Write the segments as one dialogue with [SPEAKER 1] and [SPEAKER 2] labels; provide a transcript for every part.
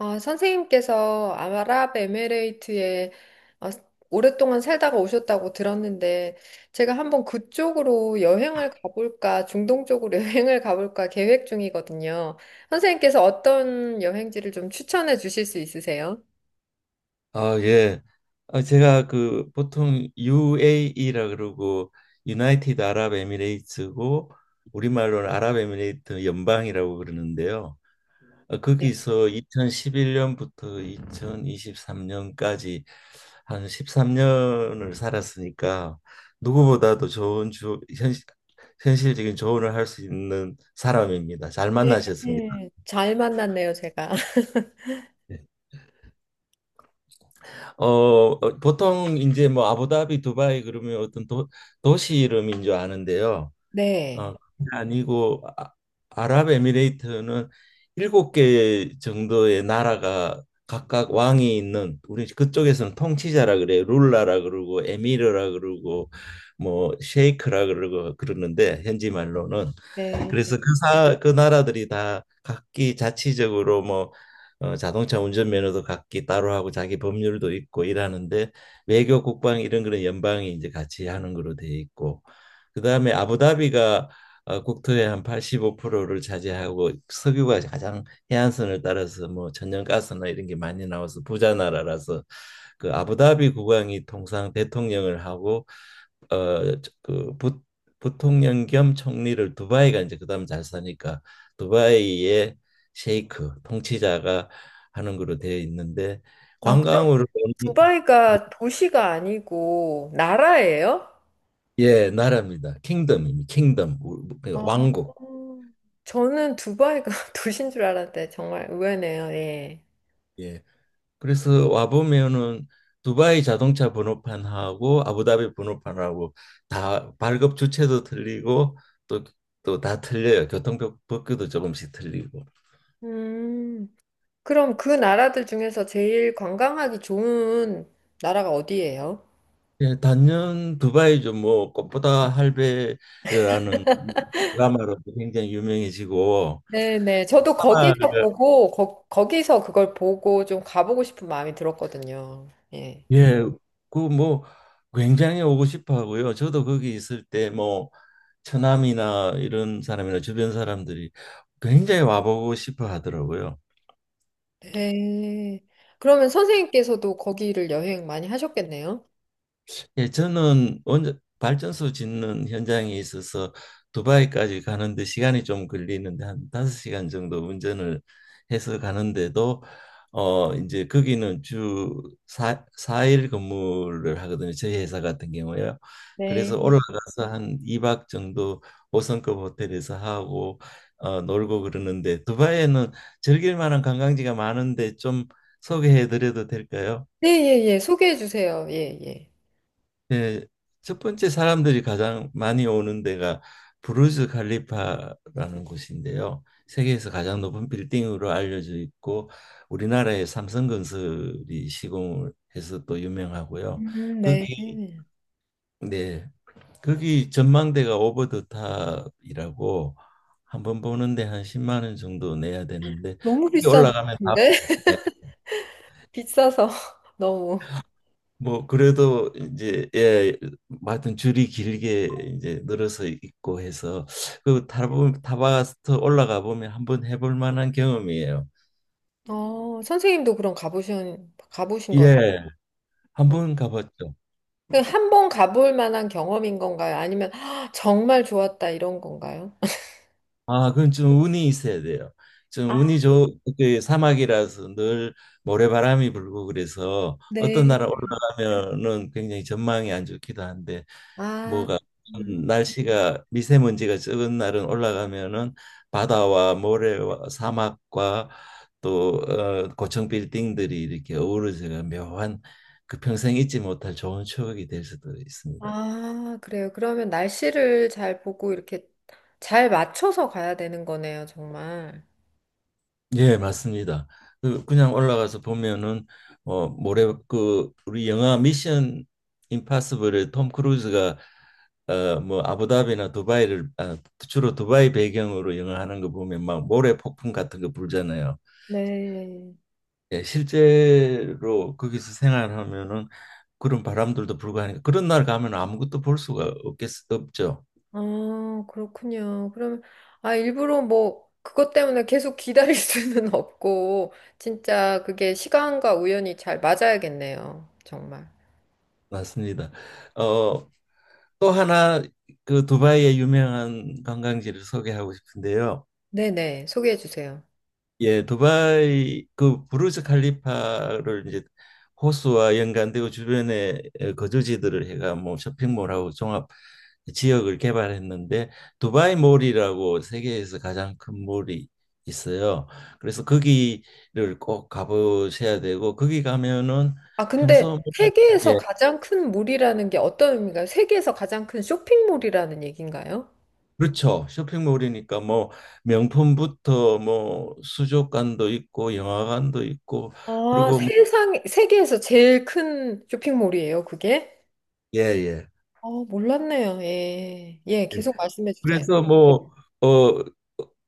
[SPEAKER 1] 아, 선생님께서 아랍에미레이트에 어, 오랫동안 살다가 오셨다고 들었는데, 제가 한번 그쪽으로 여행을 가볼까, 중동 쪽으로 여행을 가볼까 계획 중이거든요. 선생님께서 어떤 여행지를 좀 추천해 주실 수 있으세요?
[SPEAKER 2] 아, 예. 아, 제가 그 보통 UAE라 그러고 유나이티드 아랍에미레이트고 우리말로는 아랍에미레이트 연방이라고 그러는데요. 아, 거기서 2011년부터 2023년까지 한 13년을 살았으니까 누구보다도 좋은 현실적인 조언을 할 수 있는 사람입니다. 잘 만나셨습니다.
[SPEAKER 1] 네, 잘 만났네요, 제가.
[SPEAKER 2] 네. 보통 이제 뭐 아부다비, 두바이 그러면 어떤 도시 이름인 줄 아는데요.
[SPEAKER 1] 네.
[SPEAKER 2] 그게 아니고 아, 아랍에미레이트는 7개 정도의 나라가 각각 왕이 있는 우리 그쪽에서는 통치자라 그래요. 룰라라 그러고 에미르라 그러고 뭐 셰이크라 그러고 그러는데 현지 말로는 그래서
[SPEAKER 1] 네.
[SPEAKER 2] 그 그 나라들이 다 각기 자치적으로 뭐 자동차 운전면허도 각기 따로 하고 자기 법률도 있고 이러는데 외교 국방 이런 그런 연방이 이제 같이 하는 거로 돼 있고 그다음에 아부다비가 국토의 한 85%를 차지하고 석유가 가장 해안선을 따라서 뭐 천연가스나 이런 게 많이 나와서 부자 나라라서 그 아부다비 국왕이 통상 대통령을 하고 어그 부통령 겸 총리를 두바이가 이제 그다음 잘 사니까 두바이의 셰이크 통치자가 하는 걸로 되어 있는데
[SPEAKER 1] 아, 그럼
[SPEAKER 2] 관광으로 오는-
[SPEAKER 1] 두바이가 도시가 아니고 나라예요?
[SPEAKER 2] 예, 나라입니다. 킹덤입니다. 킹덤 우- 그
[SPEAKER 1] 아,
[SPEAKER 2] 왕국.
[SPEAKER 1] 저는 두바이가 도시인 줄 알았는데 정말 의외네요. 예.
[SPEAKER 2] 예. 그래서 와 보면은 두바이 자동차 번호판하고 아부다비 번호판하고 다 발급 주체도 틀리고 또 또 다 틀려요. 교통법규도 조금씩 틀리고.
[SPEAKER 1] 음, 그럼 그 나라들 중에서 제일 관광하기 좋은 나라가 어디예요?
[SPEAKER 2] 예, 단연 두바이죠. 뭐 꽃보다 할배라는 드라마로 굉장히 유명해지고
[SPEAKER 1] 네네. 저도
[SPEAKER 2] 아마
[SPEAKER 1] 거기서 보고, 거, 기서 그걸 보고 좀 가보고 싶은 마음이 들었거든요. 예.
[SPEAKER 2] 예, 그 뭐 굉장히 오고 싶어 하고요. 저도 거기 있을 때 뭐 처남이나 이런 사람이나 주변 사람들이 굉장히 와보고 싶어 하더라고요.
[SPEAKER 1] 네. 그러면 선생님께서도 거기를 여행 많이 하셨겠네요?
[SPEAKER 2] 예, 저는 원전 발전소 짓는 현장에 있어서 두바이까지 가는데 시간이 좀 걸리는데 한 5시간 정도 운전을 해서 가는데도 이제 거기는 주사사일 근무를 하거든요. 저희 회사 같은 경우에요. 그래서
[SPEAKER 1] 네.
[SPEAKER 2] 올라가서 한이박 정도 5성급 호텔에서 하고 놀고 그러는데 두바이에는 즐길 만한 관광지가 많은데 좀 소개해 드려도 될까요?
[SPEAKER 1] 네, 예, 예. 소개해 주세요. 예, 예.
[SPEAKER 2] 네, 첫 번째 사람들이 가장 많이 오는 데가 부르즈 칼리파라는 곳인데요. 세계에서 가장 높은 빌딩으로 알려져 있고 우리나라의 삼성건설이 시공을 해서 또 유명하고요.
[SPEAKER 1] 네.
[SPEAKER 2] 거기 네. 거기 전망대가 오버 더 탑이라고 한 번 보는데 한 10만 원 정도 내야 되는데
[SPEAKER 1] 너무
[SPEAKER 2] 거기 올라가면 다
[SPEAKER 1] 비싼데?
[SPEAKER 2] 보여요.
[SPEAKER 1] 비싸서 너무.
[SPEAKER 2] 뭐 그래도 이제 예, 뭐 하여튼 줄이 길게 이제 늘어서 있고 해서 그 타바 타바스트 올라가 보면 한번 해볼 만한 경험이에요.
[SPEAKER 1] 어, 선생님도 그럼 가보신, 가보신 거네.
[SPEAKER 2] 예,
[SPEAKER 1] 어.
[SPEAKER 2] 한번 가봤죠.
[SPEAKER 1] 한번 가볼 만한 경험인 건가요? 아니면 "아, 정말 좋았다 이런 건가요?
[SPEAKER 2] 아, 그건 좀 운이 있어야 돼요. 좀
[SPEAKER 1] 아,
[SPEAKER 2] 운이 그 사막이라서 늘 모래바람이 불고 그래서
[SPEAKER 1] 네.
[SPEAKER 2] 어떤 나라 올라가면은 굉장히 전망이 안 좋기도 한데
[SPEAKER 1] 아,
[SPEAKER 2] 뭐가
[SPEAKER 1] 음.
[SPEAKER 2] 날씨가 미세먼지가 적은 날은 올라가면은 바다와 모래와 사막과 또 고층 빌딩들이 이렇게 어우러져가 묘한 그 평생 잊지 못할 좋은 추억이 될 수도 있습니다.
[SPEAKER 1] 아, 그래요. 그러면 날씨를 잘 보고 이렇게 잘 맞춰서 가야 되는 거네요, 정말.
[SPEAKER 2] 예, 맞습니다. 그 그냥 올라가서 보면은 모래 그 우리 영화 미션 임파서블에 톰 크루즈가 뭐 아부다비나 주로 두바이 배경으로 영화하는 거 보면 막 모래 폭풍 같은 거 불잖아요.
[SPEAKER 1] 네.
[SPEAKER 2] 예, 실제로 거기서 생활하면은 그런 바람들도 불고 하니까 그런 날 가면 아무것도 볼 수가 없죠.
[SPEAKER 1] 아, 그렇군요. 그럼, 아, 일부러 뭐, 그것 때문에 계속 기다릴 수는 없고, 진짜 그게 시간과 우연이 잘 맞아야겠네요. 정말.
[SPEAKER 2] 맞습니다. 어, 또 하나 그 두바이의 유명한 관광지를 소개하고 싶은데요.
[SPEAKER 1] 네네, 소개해 주세요.
[SPEAKER 2] 예, 두바이 그 부르즈 칼리파를 이제 호수와 연관되고 주변에 거주지들을 해가 뭐 쇼핑몰하고 종합 지역을 개발했는데 두바이 몰이라고 세계에서 가장 큰 몰이 있어요. 그래서 거기를 꼭 가보셔야 되고 거기 가면은
[SPEAKER 1] 아,
[SPEAKER 2] 평소
[SPEAKER 1] 근데
[SPEAKER 2] 뭐 예,
[SPEAKER 1] 세계에서 가장 큰 몰이라는 게 어떤 의미인가요? 세계에서 가장 큰 쇼핑몰이라는 얘기인가요?
[SPEAKER 2] 그렇죠. 쇼핑몰이니까 뭐 명품부터 뭐 수족관도 있고 영화관도 있고
[SPEAKER 1] 아,
[SPEAKER 2] 그리고 뭐
[SPEAKER 1] 세상, 세계에서 제일 큰 쇼핑몰이에요, 그게?
[SPEAKER 2] 예, 예.
[SPEAKER 1] 아, 몰랐네요. 예. 예,
[SPEAKER 2] 예.
[SPEAKER 1] 계속 말씀해 주세요.
[SPEAKER 2] 그래서 뭐, 어,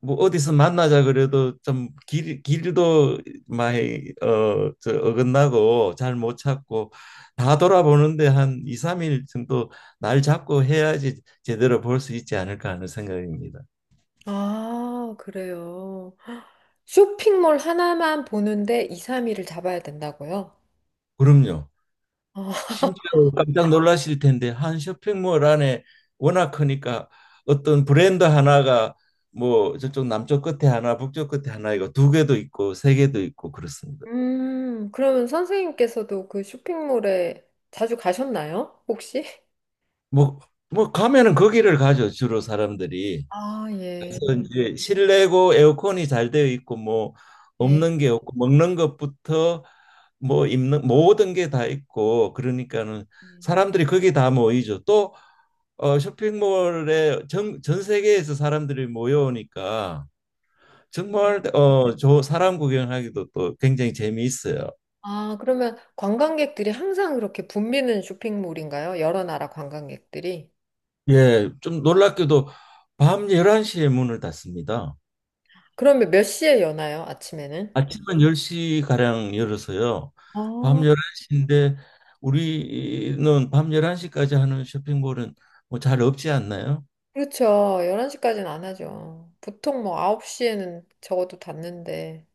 [SPEAKER 2] 뭐 어디서 만나자 그래도 좀 길도 많이 어긋나고 잘 못 찾고 다 돌아보는데 한 2, 3일 정도 날 잡고 해야지 제대로 볼 수 있지 않을까 하는 생각입니다.
[SPEAKER 1] 아, 그래요. 헉, 쇼핑몰 하나만 보는데 2, 3일을 잡아야 된다고요?
[SPEAKER 2] 그럼요.
[SPEAKER 1] 아,
[SPEAKER 2] 심지어 깜짝 놀라실 텐데 한 쇼핑몰 안에 워낙 크니까 어떤 브랜드 하나가 뭐 저쪽 남쪽 끝에 하나, 북쪽 끝에 하나 이거 2개도 있고 3개도 있고 그렇습니다.
[SPEAKER 1] 그러면 선생님께서도 그 쇼핑몰에 자주 가셨나요? 혹시?
[SPEAKER 2] 뭐, 뭐 가면은 거기를 가죠 주로 사람들이.
[SPEAKER 1] 아, 예.
[SPEAKER 2] 그래서 이제 실내고 에어컨이 잘 되어 있고 뭐
[SPEAKER 1] 예.
[SPEAKER 2] 없는 게 없고 먹는 것부터 뭐 입는 모든 게 다 있고 그러니까는 사람들이 거기 다 모이죠. 또 쇼핑몰에 전 세계에서 사람들이 모여오니까
[SPEAKER 1] 예.
[SPEAKER 2] 정말 저 사람 구경하기도 또 굉장히 재미있어요.
[SPEAKER 1] 아, 그러면 관광객들이 항상 그렇게 붐비는 쇼핑몰인가요? 여러 나라 관광객들이?
[SPEAKER 2] 예, 좀 놀랍게도 밤 11시에 문을 닫습니다.
[SPEAKER 1] 그러면 몇 시에 여나요? 아침에는?
[SPEAKER 2] 아침은 10시가량 열어서요. 밤
[SPEAKER 1] 아,
[SPEAKER 2] 11시인데 우리는 밤 11시까지 하는 쇼핑몰은 뭐 잘 없지 않나요?
[SPEAKER 1] 그렇죠. 11시까지는 안 하죠. 보통 뭐 9시에는 적어도 닫는데.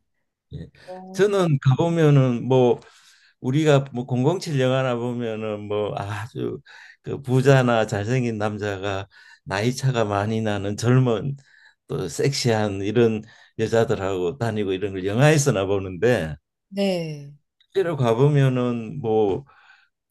[SPEAKER 2] 예.
[SPEAKER 1] 어.
[SPEAKER 2] 저는 가보면은 뭐 우리가 뭐 007 영화나 보면은 뭐 아주 그 부자나 잘생긴 남자가 나이 차가 많이 나는 젊은 또 섹시한 이런 여자들하고 다니고 이런 걸 영화에서나 보는데
[SPEAKER 1] 네.
[SPEAKER 2] 실제로 가보면은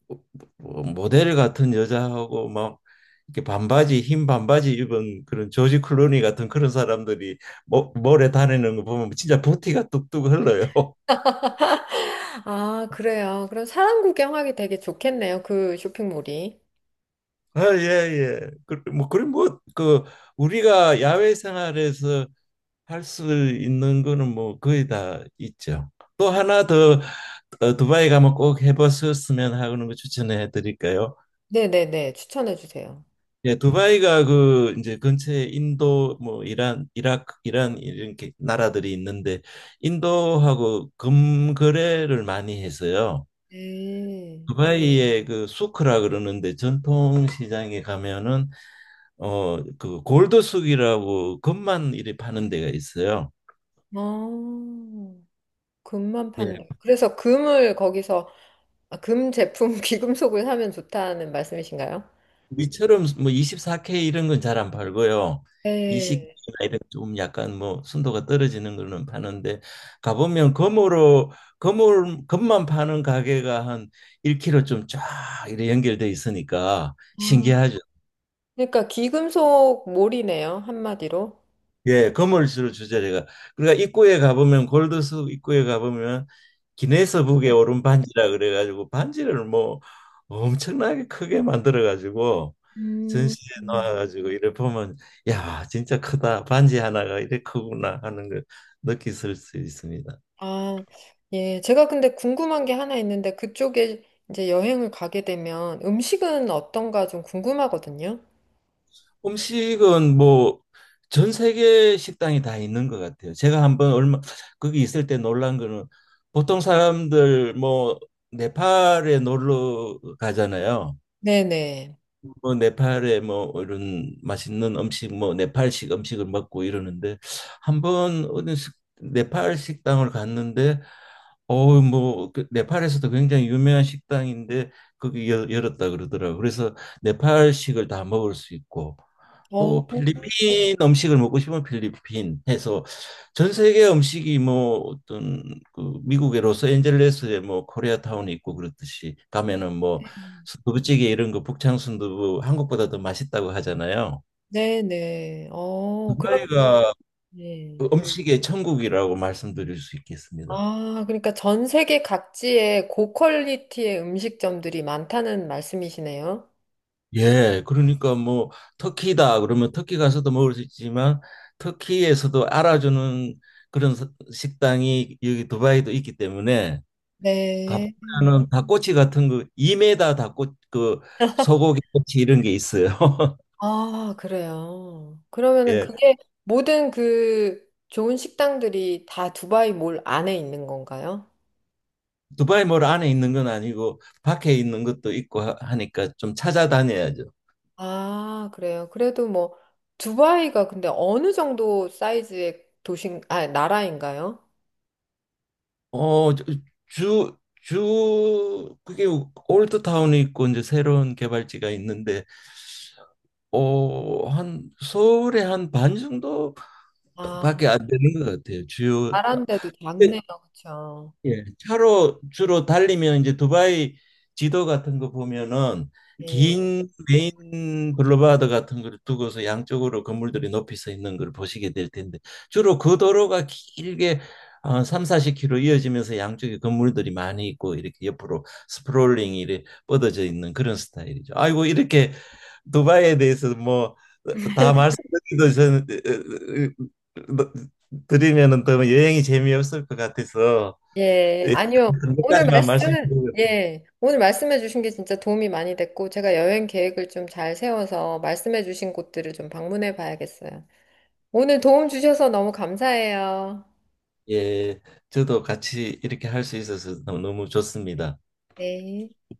[SPEAKER 2] 뭐 모델 같은 여자하고 막 이렇게 반바지 흰 반바지 입은 그런 조지 클루니 같은 그런 사람들이 몰에 다니는 거 보면 진짜 부티가 뚝뚝 흘러요.
[SPEAKER 1] 아, 그래요. 그럼 사람 구경하기 되게 좋겠네요. 그 쇼핑몰이.
[SPEAKER 2] 아, 예, 예. 뭐, 그리 뭐, 우리가 야외 생활에서 할 수 있는 거는 뭐 거의 다 있죠. 또 하나 더 두바이 가면 꼭 해보셨으면 하는 거 추천해 드릴까요?
[SPEAKER 1] 네네네. 추천해 주세요.
[SPEAKER 2] 예, 두바이가 그 이제 근처에 인도 뭐 이란 이라크 이란 이렇게 나라들이 있는데 인도하고 금거래를 많이 해서요.
[SPEAKER 1] 네.
[SPEAKER 2] 두바이의 그 수크라 그러는데 전통 시장에 가면은 그 골드 숙이라고 금만 이렇게 파는 데가 있어요.
[SPEAKER 1] 아, 금만 판다. 그래서 금을 거기서, 아, 금 제품, 귀금속을 사면 좋다는 말씀이신가요?
[SPEAKER 2] 우리처럼 뭐 24K 이런 건 잘 안 팔고요.
[SPEAKER 1] 네.
[SPEAKER 2] 20K나 이런 좀 약간 뭐 순도가 떨어지는 거는 파는데 가보면 금으로 금을 금만 파는 가게가 한 1km 좀 쫙 이렇게 연결돼 있으니까
[SPEAKER 1] 아,
[SPEAKER 2] 신기하죠.
[SPEAKER 1] 그러니까 귀금속 몰이네요. 한마디로.
[SPEAKER 2] 예, 건물주를 주죠, 제가. 그러니까 입구에 가보면 골드숲 입구에 가보면 기네스북에 오른 반지라 그래가지고 반지를 뭐 엄청나게 크게 만들어가지고
[SPEAKER 1] 음.
[SPEAKER 2] 전시에 놓아가지고 이래 보면 야, 진짜 크다. 반지 하나가 이래 크구나 하는 걸 느끼실 수 있습니다.
[SPEAKER 1] 아, 예. 제가 근데 궁금한 게 하나 있는데 그쪽에 이제 여행을 가게 되면 음식은 어떤가 좀 궁금하거든요.
[SPEAKER 2] 음식은 뭐 전 세계 식당이 다 있는 것 같아요. 제가 한번 얼마 거기 있을 때 놀란 거는 보통 사람들 뭐 네팔에 놀러 가잖아요.
[SPEAKER 1] 네네.
[SPEAKER 2] 뭐 네팔에 뭐 이런 맛있는 음식 뭐 네팔식 음식을 먹고 이러는데 한번 어느 식- 네팔 식당을 갔는데 어우 뭐그 네팔에서도 굉장히 유명한 식당인데 거기 열었다 그러더라고요. 그래서 네팔식을 다 먹을 수 있고
[SPEAKER 1] 어,
[SPEAKER 2] 또 필리핀 음식을 먹고 싶으면 필리핀 해서 전 세계 음식이 뭐 어떤 그 미국의 로스앤젤레스에 뭐 코리아타운이 있고 그렇듯이 가면은 뭐 순두부찌개 이런 거 북창 순두부 한국보다 더 맛있다고 하잖아요.
[SPEAKER 1] 네네. 어, 그럼,
[SPEAKER 2] 두바이가
[SPEAKER 1] 네.
[SPEAKER 2] 그 음식의 천국이라고 말씀드릴 수 있겠습니다.
[SPEAKER 1] 아, 그러니까 전 세계 각지에 고퀄리티의 음식점들이 많다는 말씀이시네요.
[SPEAKER 2] 예, 그러니까 뭐 터키다 그러면 터키 가서도 먹을 수 있지만 터키에서도 알아주는 그런 식당이 여기 두바이도 있기 때문에
[SPEAKER 1] 네.
[SPEAKER 2] 가보면은 닭꼬치 같은 거 2m 닭꼬 그 소고기 꼬치 이런 게 있어요.
[SPEAKER 1] 아, 그래요. 그러면은
[SPEAKER 2] 예.
[SPEAKER 1] 그게 모든 그 좋은 식당들이 다 두바이 몰 안에 있는 건가요?
[SPEAKER 2] 두바이 몰 안에 있는 건 아니고 밖에 있는 것도 있고 하니까 좀 찾아다녀야죠.
[SPEAKER 1] 아, 그래요. 그래도 뭐, 두바이가 근데 어느 정도 사이즈의 도시, 아, 나라인가요?
[SPEAKER 2] 어, 저- 주, 주 그게 올드타운이 있고 이제 새로운 개발지가 있는데 한 서울의 한 반 정도밖에
[SPEAKER 1] 아,
[SPEAKER 2] 안 되는 것 같아요. 주요
[SPEAKER 1] 나라인데도 작네요. 그쵸.
[SPEAKER 2] 예, 차로 주로 달리면 이제 두바이 지도 같은 거 보면은
[SPEAKER 1] 예.
[SPEAKER 2] 긴 메인 블루바드 같은 걸 두고서 양쪽으로 건물들이 높이 서 있는 걸 보시게 될 텐데 주로 그 도로가 길게 3, 40km 이어지면서 양쪽에 건물들이 많이 있고 이렇게 옆으로 스프롤링이 이렇게 뻗어져 있는 그런 스타일이죠. 아이고, 이렇게 두바이에 대해서 뭐 다 말씀드리도 전 드리면은 더 여행이 재미없을 것 같아서
[SPEAKER 1] 예.
[SPEAKER 2] 예,
[SPEAKER 1] 아니요.
[SPEAKER 2] 몇
[SPEAKER 1] 오늘
[SPEAKER 2] 가지만
[SPEAKER 1] 말씀,
[SPEAKER 2] 말씀드리고
[SPEAKER 1] 예. 오늘 말씀해 주신 게 진짜 도움이 많이 됐고, 제가 여행 계획을 좀 잘 세워서 말씀해 주신 곳들을 좀 방문해 봐야겠어요. 오늘 도움 주셔서 너무 감사해요.
[SPEAKER 2] 예, 저도 같이 이렇게 할 수 있어서 너무 좋습니다.
[SPEAKER 1] 네.